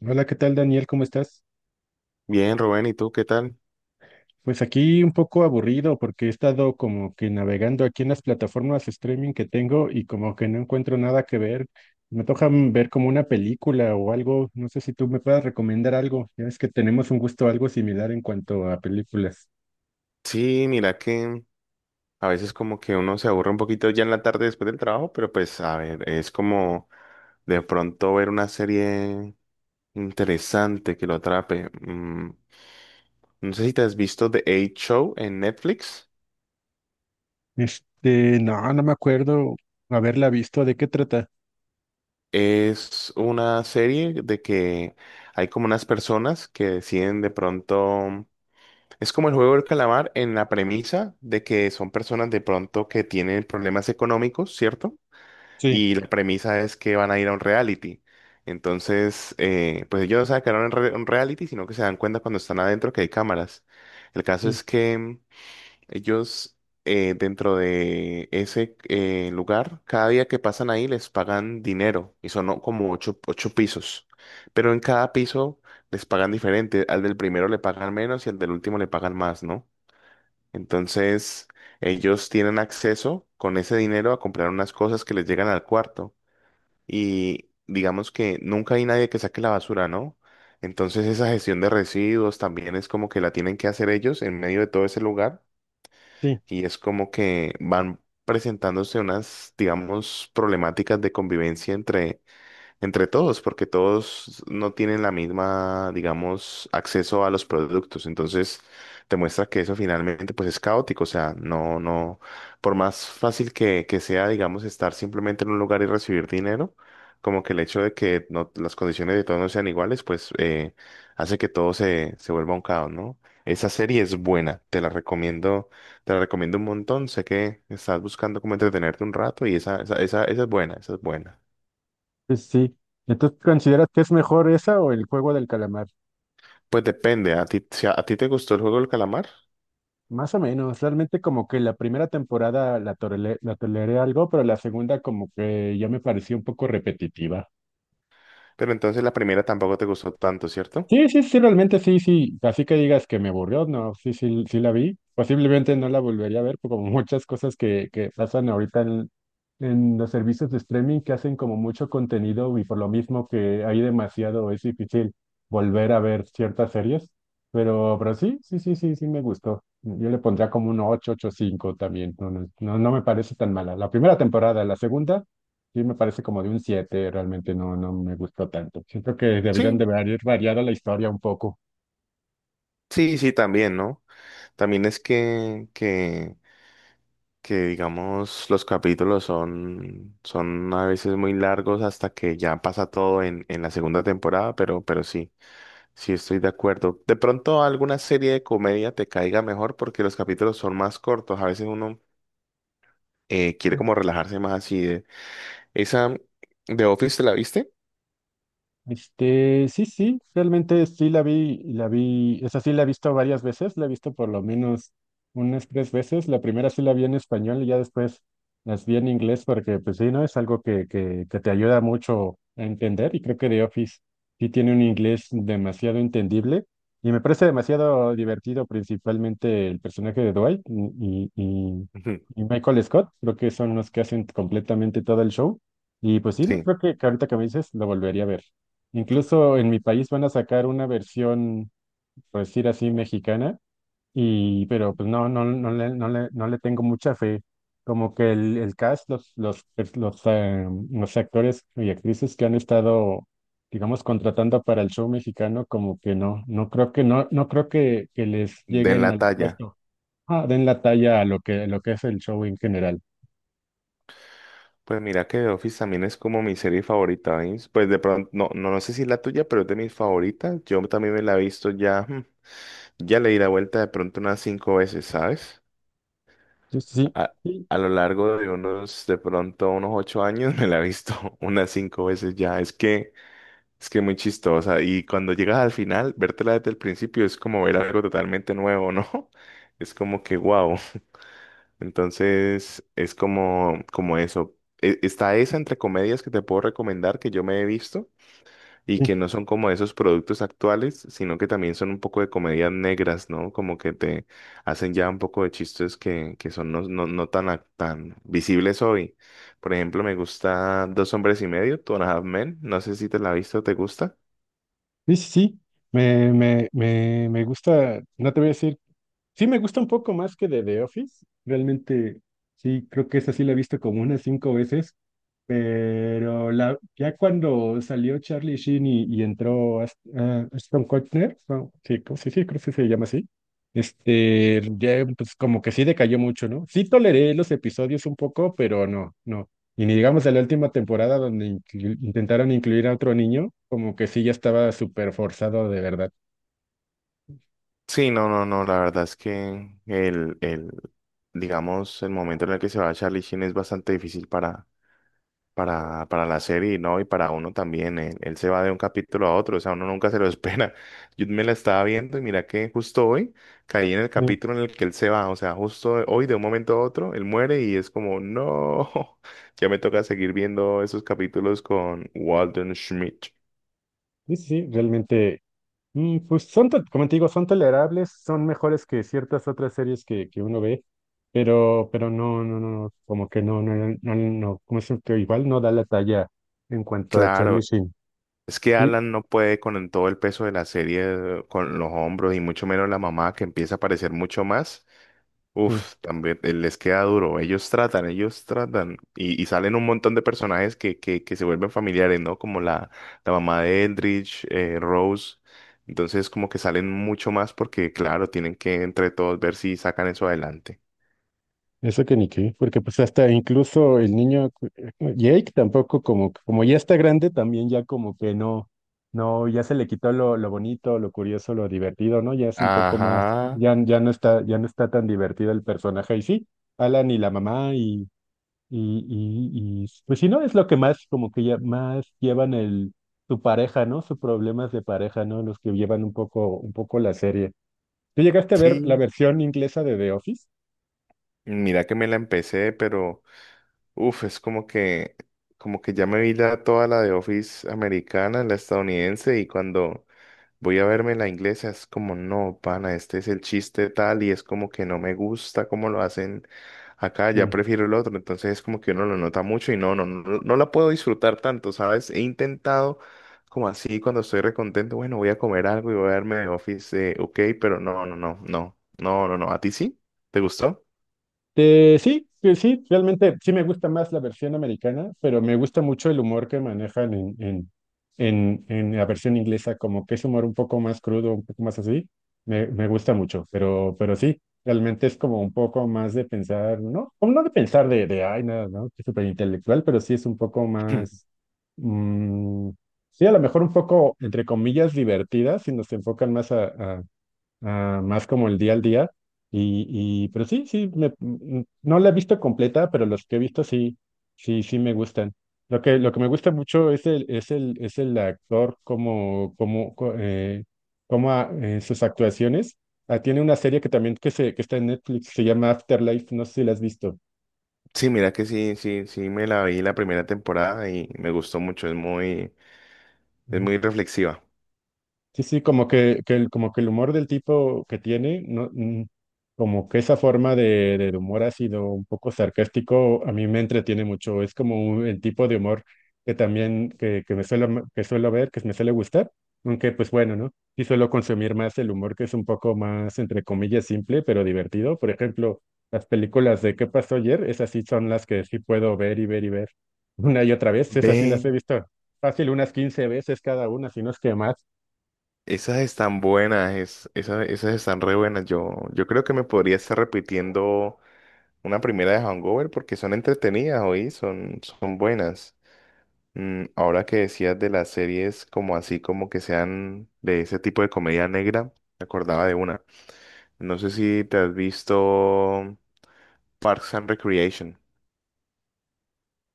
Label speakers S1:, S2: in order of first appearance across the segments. S1: Hola, ¿qué tal, Daniel? ¿Cómo estás?
S2: Bien, Rubén, ¿y tú qué tal?
S1: Pues aquí un poco aburrido porque he estado como que navegando aquí en las plataformas streaming que tengo y como que no encuentro nada que ver. Me toca ver como una película o algo. No sé si tú me puedas recomendar algo. Ya ves que tenemos un gusto algo similar en cuanto a películas.
S2: Sí, mira que a veces como que uno se aburre un poquito ya en la tarde después del trabajo, pero pues a ver, es como de pronto ver una serie interesante que lo atrape. No sé si te has visto The Eight Show en Netflix.
S1: Este, no, no me acuerdo haberla visto. ¿De qué trata?
S2: Es una serie de que hay como unas personas que deciden de pronto. Es como el juego del calamar en la premisa de que son personas de pronto que tienen problemas económicos, ¿cierto?
S1: Sí,
S2: Y la premisa es que van a ir a un reality. Entonces, pues ellos no saben que era un reality, sino que se dan cuenta cuando están adentro que hay cámaras. El caso
S1: sí,
S2: es que ellos dentro de ese lugar, cada día que pasan ahí les pagan dinero y son, ¿no?, como ocho pisos. Pero en cada piso les pagan diferente. Al del primero le pagan menos y al del último le pagan más, ¿no? Entonces, ellos tienen acceso con ese dinero a comprar unas cosas que les llegan al cuarto, y digamos que nunca hay nadie que saque la basura, ¿no? Entonces esa gestión de residuos también es como que la tienen que hacer ellos en medio de todo ese lugar,
S1: sí,
S2: y es como que van presentándose unas, digamos, problemáticas de convivencia entre todos, porque todos no tienen la misma, digamos, acceso a los productos. Entonces, te muestra que eso finalmente pues es caótico. O sea, no, no, por más fácil que sea, digamos, estar simplemente en un lugar y recibir dinero, como que el hecho de que no, las condiciones de todos no sean iguales, pues hace que todo se vuelva un caos, ¿no? Esa serie es buena, te la recomiendo un montón. Sé que estás buscando como entretenerte un rato, y esa es buena, esa es buena.
S1: pues sí. Entonces, ¿consideras que es mejor esa o el juego del calamar?
S2: Pues depende, a ti, si a ti te gustó el juego del calamar,
S1: Más o menos, realmente como que la primera temporada la toleré algo, pero la segunda como que ya me pareció un poco repetitiva.
S2: pero entonces la primera tampoco te gustó tanto, ¿cierto?
S1: Sí, sí, sí, realmente sí, sí. Así que digas que me aburrió, no, sí, sí, sí la vi. Posiblemente no la volvería a ver, por como muchas cosas que pasan ahorita en los servicios de streaming que hacen como mucho contenido y por lo mismo que hay demasiado, es difícil volver a ver ciertas series. Pero sí, sí, sí, sí, sí me gustó. Yo le pondría como un 8, 8 5 también. No, no, no, no me parece tan mala. La primera temporada, la segunda. Sí, me parece como de un siete, realmente no, no me gustó tanto. Siento que deberían de
S2: Sí,
S1: haber variado la historia un poco.
S2: sí, sí, también, ¿no? También es que, digamos, los capítulos son a veces muy largos hasta que ya pasa todo en, la segunda temporada, pero sí, sí estoy de acuerdo. De pronto alguna serie de comedia te caiga mejor porque los capítulos son más cortos, a veces uno quiere como relajarse más así de. ¿Esa de Office te la viste?
S1: Este, sí, sí, realmente sí la vi, esa sí la he visto varias veces, la he visto por lo menos unas tres veces. La primera sí la vi en español y ya después las vi en inglés porque, pues sí, ¿no? Es algo que te ayuda mucho a entender, y creo que The Office sí tiene un inglés demasiado entendible y me parece demasiado divertido, principalmente el personaje de Dwight y, y,
S2: Ujú.
S1: y Michael Scott. Creo que son los que hacen completamente todo el show. Y pues sí, no,
S2: Sí.
S1: creo que ahorita que me dices lo volvería a ver. Incluso en mi país van a sacar una versión, por decir así, mexicana, y pero pues no, no, no le tengo mucha fe. Como que el cast, los actores y actrices que han estado, digamos, contratando para el show mexicano, como que no, no creo que les
S2: Den
S1: lleguen
S2: la
S1: al
S2: talla.
S1: puesto, ah, den la talla a lo que es el show en general.
S2: Pues mira que The Office también es como mi serie favorita, ¿veis? Pues de pronto, no, no, no sé si es la tuya, pero es de mis favoritas. Yo también me la he visto ya, ya le di la vuelta de pronto unas cinco veces, ¿sabes?
S1: Yo sí, sí,
S2: A,
S1: sí,
S2: a lo largo de unos, de pronto unos 8 años me la he visto unas cinco veces ya. Es que muy chistosa. Y cuando llegas al final, vértela desde el principio es como ver algo totalmente nuevo, ¿no? Es como que wow. Entonces, es como, eso. Está esa entre comedias que te puedo recomendar que yo me he visto y
S1: sí, sí,
S2: que no son como esos productos actuales, sino que también son un poco de comedias negras, ¿no? Como que te hacen ya un poco de chistes que, son no, no, no tan, tan visibles hoy. Por ejemplo, me gusta Dos Hombres y Medio, Two and a Half Men. No sé si te la has visto, ¿te gusta?
S1: sí, sí. Me gusta, no te voy a decir. Sí, me gusta un poco más que de The Office. Realmente, sí, creo que esa sí la he visto como unas cinco veces, pero ya cuando salió Charlie Sheen y entró Ashton Kutcher, no, sí, sí, creo que sí se llama así. Este, ya pues como que sí decayó mucho, ¿no? Sí toleré los episodios un poco, pero no, no. Y ni digamos de la última temporada donde intentaron incluir a otro niño, como que sí ya estaba súper forzado de verdad.
S2: Sí, no, no, no, la verdad es que el, digamos, el momento en el que se va Charlie Sheen es bastante difícil para la serie y no, y para uno también. Él se va de un capítulo a otro, o sea, uno nunca se lo espera. Yo me la estaba viendo y mira que justo hoy caí en el
S1: Sí,
S2: capítulo en el que él se va, o sea, justo hoy de un momento a otro, él muere y es como, no, ya me toca seguir viendo esos capítulos con Walden Schmidt.
S1: sí, sí, realmente. Pues son, como te digo, son tolerables, son mejores que ciertas otras series que uno ve, pero no, no, no, como que no, no, no, no, no, como es que igual no da la talla en cuanto a Charlie
S2: Claro.
S1: Sheen.
S2: Es que
S1: Y
S2: Alan no puede con todo el peso de la serie, con los hombros, y mucho menos la mamá que empieza a aparecer mucho más.
S1: sí,
S2: Uf, también les queda duro. Ellos tratan, ellos tratan. Y salen un montón de personajes que, se vuelven familiares, ¿no? Como la mamá de Eldridge, Rose. Entonces, como que salen mucho más porque, claro, tienen que entre todos ver si sacan eso adelante.
S1: eso que ni qué, porque pues hasta incluso el niño, Jake, tampoco, como, como ya está grande, también ya como que no, no, ya se le quitó lo bonito, lo curioso, lo divertido, ¿no? Ya es un poco más,
S2: Ajá,
S1: ya, ya no está tan divertido el personaje y sí. Alan y la mamá y pues si no, es lo que más, como que ya más llevan su pareja, ¿no? Sus problemas de pareja, ¿no? Los que llevan un poco la serie. ¿Tú llegaste a ver la
S2: sí.
S1: versión inglesa de The Office?
S2: Mira que me la empecé, pero uf, es como que ya me vi toda la de Office americana, la estadounidense, y cuando. Voy a verme la inglesa, es como, no, pana, este es el chiste tal, y es como que no me gusta cómo lo hacen acá, ya
S1: Sí.
S2: prefiero el otro, entonces es como que uno lo nota mucho y no, no, no, no la puedo disfrutar tanto, ¿sabes? He intentado como así cuando estoy recontento, bueno, voy a comer algo y voy a verme de Office, ok, pero no, no, no, no, no, no, no, ¿a ti sí? ¿Te gustó?
S1: Sí, que sí, realmente sí me gusta más la versión americana, pero me gusta mucho el humor que manejan en la versión inglesa, como que es humor un poco más crudo, un poco más así, me gusta mucho, pero sí, realmente es como un poco más de pensar, ¿no? Como no de pensar de ay, nada, ¿no? Que es súper intelectual, pero sí es un poco más, mm, sí, a lo mejor un poco, entre comillas, divertida, si nos enfocan más a- más como el día al día. Y, y pero sí, sí, no la he visto completa, pero los que he visto sí, sí, sí me gustan. Lo que me gusta mucho es el actor como, en sus actuaciones. Ah, tiene una serie que también que está en Netflix, se llama Afterlife, no sé si la has visto.
S2: Sí, mira que sí, sí, sí, me la vi la primera temporada y me gustó mucho, es muy. Es muy reflexiva.
S1: Sí, sí, como que el, como que el humor del tipo que tiene, no, como que esa forma del humor ácido, un poco sarcástico, a mí me entretiene mucho. Es como el tipo de humor que también, que me suelo ver, que me suele gustar, aunque pues bueno, ¿no? Sí suelo consumir más el humor que es un poco más, entre comillas, simple, pero divertido. Por ejemplo, las películas de ¿Qué pasó ayer? Esas sí son las que sí puedo ver y ver y ver una y otra vez. Esas sí las
S2: Ve,
S1: he visto fácil unas 15 veces cada una, si no es que más.
S2: esas están buenas, esas están re buenas. Yo creo que me podría estar repitiendo una primera de Hangover porque son entretenidas, hoy son, buenas. Ahora que decías de las series como así, como que sean de ese tipo de comedia negra, me acordaba de una. No sé si te has visto Parks and Recreation.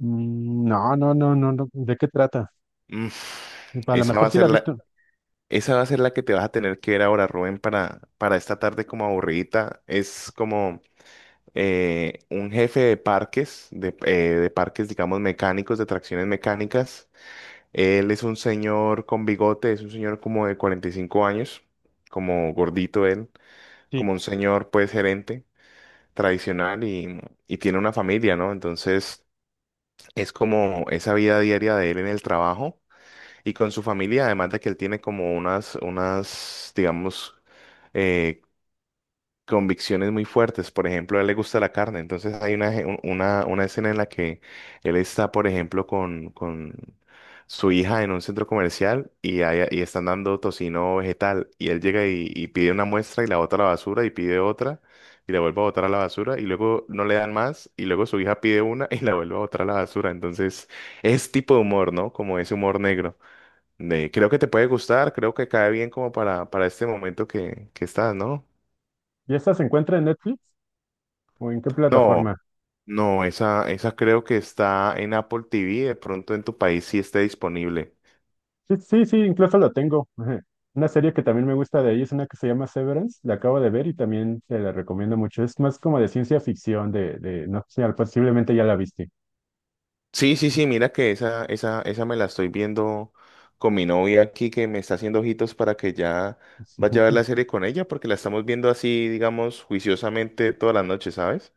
S1: Mm. No, no, no, no, no. ¿De qué trata?
S2: Mm,
S1: A lo
S2: esa va
S1: mejor
S2: a
S1: sí la
S2: ser
S1: he
S2: la,
S1: visto.
S2: Esa va a ser la que te vas a tener que ver ahora, Rubén, para, esta tarde como aburridita. Es como un jefe de parques, de parques, digamos, mecánicos, de tracciones mecánicas. Él es un señor con bigote, es un señor como de 45 años, como gordito él,
S1: Sí.
S2: como un señor, pues, gerente tradicional, y tiene una familia, ¿no? Entonces, es como esa vida diaria de él en el trabajo y con su familia, además de que él tiene como unas, digamos, eh, convicciones muy fuertes. Por ejemplo, a él le gusta la carne. Entonces hay una, je- un- una escena en la que él está, por ejemplo, con su hija en un centro comercial, y están dando tocino vegetal. Y él llega y pide una muestra y la bota a la basura y pide otra y la vuelve a botar a la basura, y luego no le dan más, y luego su hija pide una y la vuelve a botar a la basura. Entonces es tipo de humor, ¿no? Como ese humor negro. Creo que te puede gustar, creo que cae bien como para, este momento que estás, ¿no?
S1: ¿Y esa se encuentra en Netflix o en qué
S2: No,
S1: plataforma?
S2: no, esa creo que está en Apple TV, de pronto en tu país sí esté disponible.
S1: Sí, sí, sí, incluso la tengo. Ajá. Una serie que también me gusta de ahí es una que se llama Severance. La acabo de ver y también te la recomiendo mucho. Es más como de ciencia ficción, de no sé, posiblemente ya la viste.
S2: Sí, sí, sí, mira que esa me la estoy viendo con mi novia aquí que me está haciendo ojitos para que ya
S1: Sí.
S2: vaya a ver la serie con ella, porque la estamos viendo así, digamos, juiciosamente todas las noches, ¿sabes?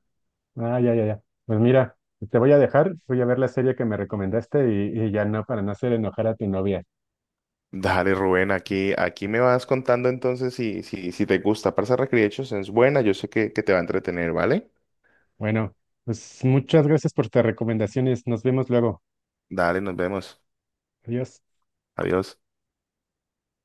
S1: Ah, ya, ya, ya. Pues mira, te voy a dejar, voy a ver la serie que me recomendaste y ya no, para no hacer enojar a tu novia.
S2: Dale, Rubén, aquí me vas contando entonces si, te gusta. Parsa Recreations es buena, yo sé que te va a entretener, ¿vale?
S1: Bueno, pues muchas gracias por tus recomendaciones. Nos vemos luego.
S2: Dale, nos vemos.
S1: Adiós.
S2: Adiós.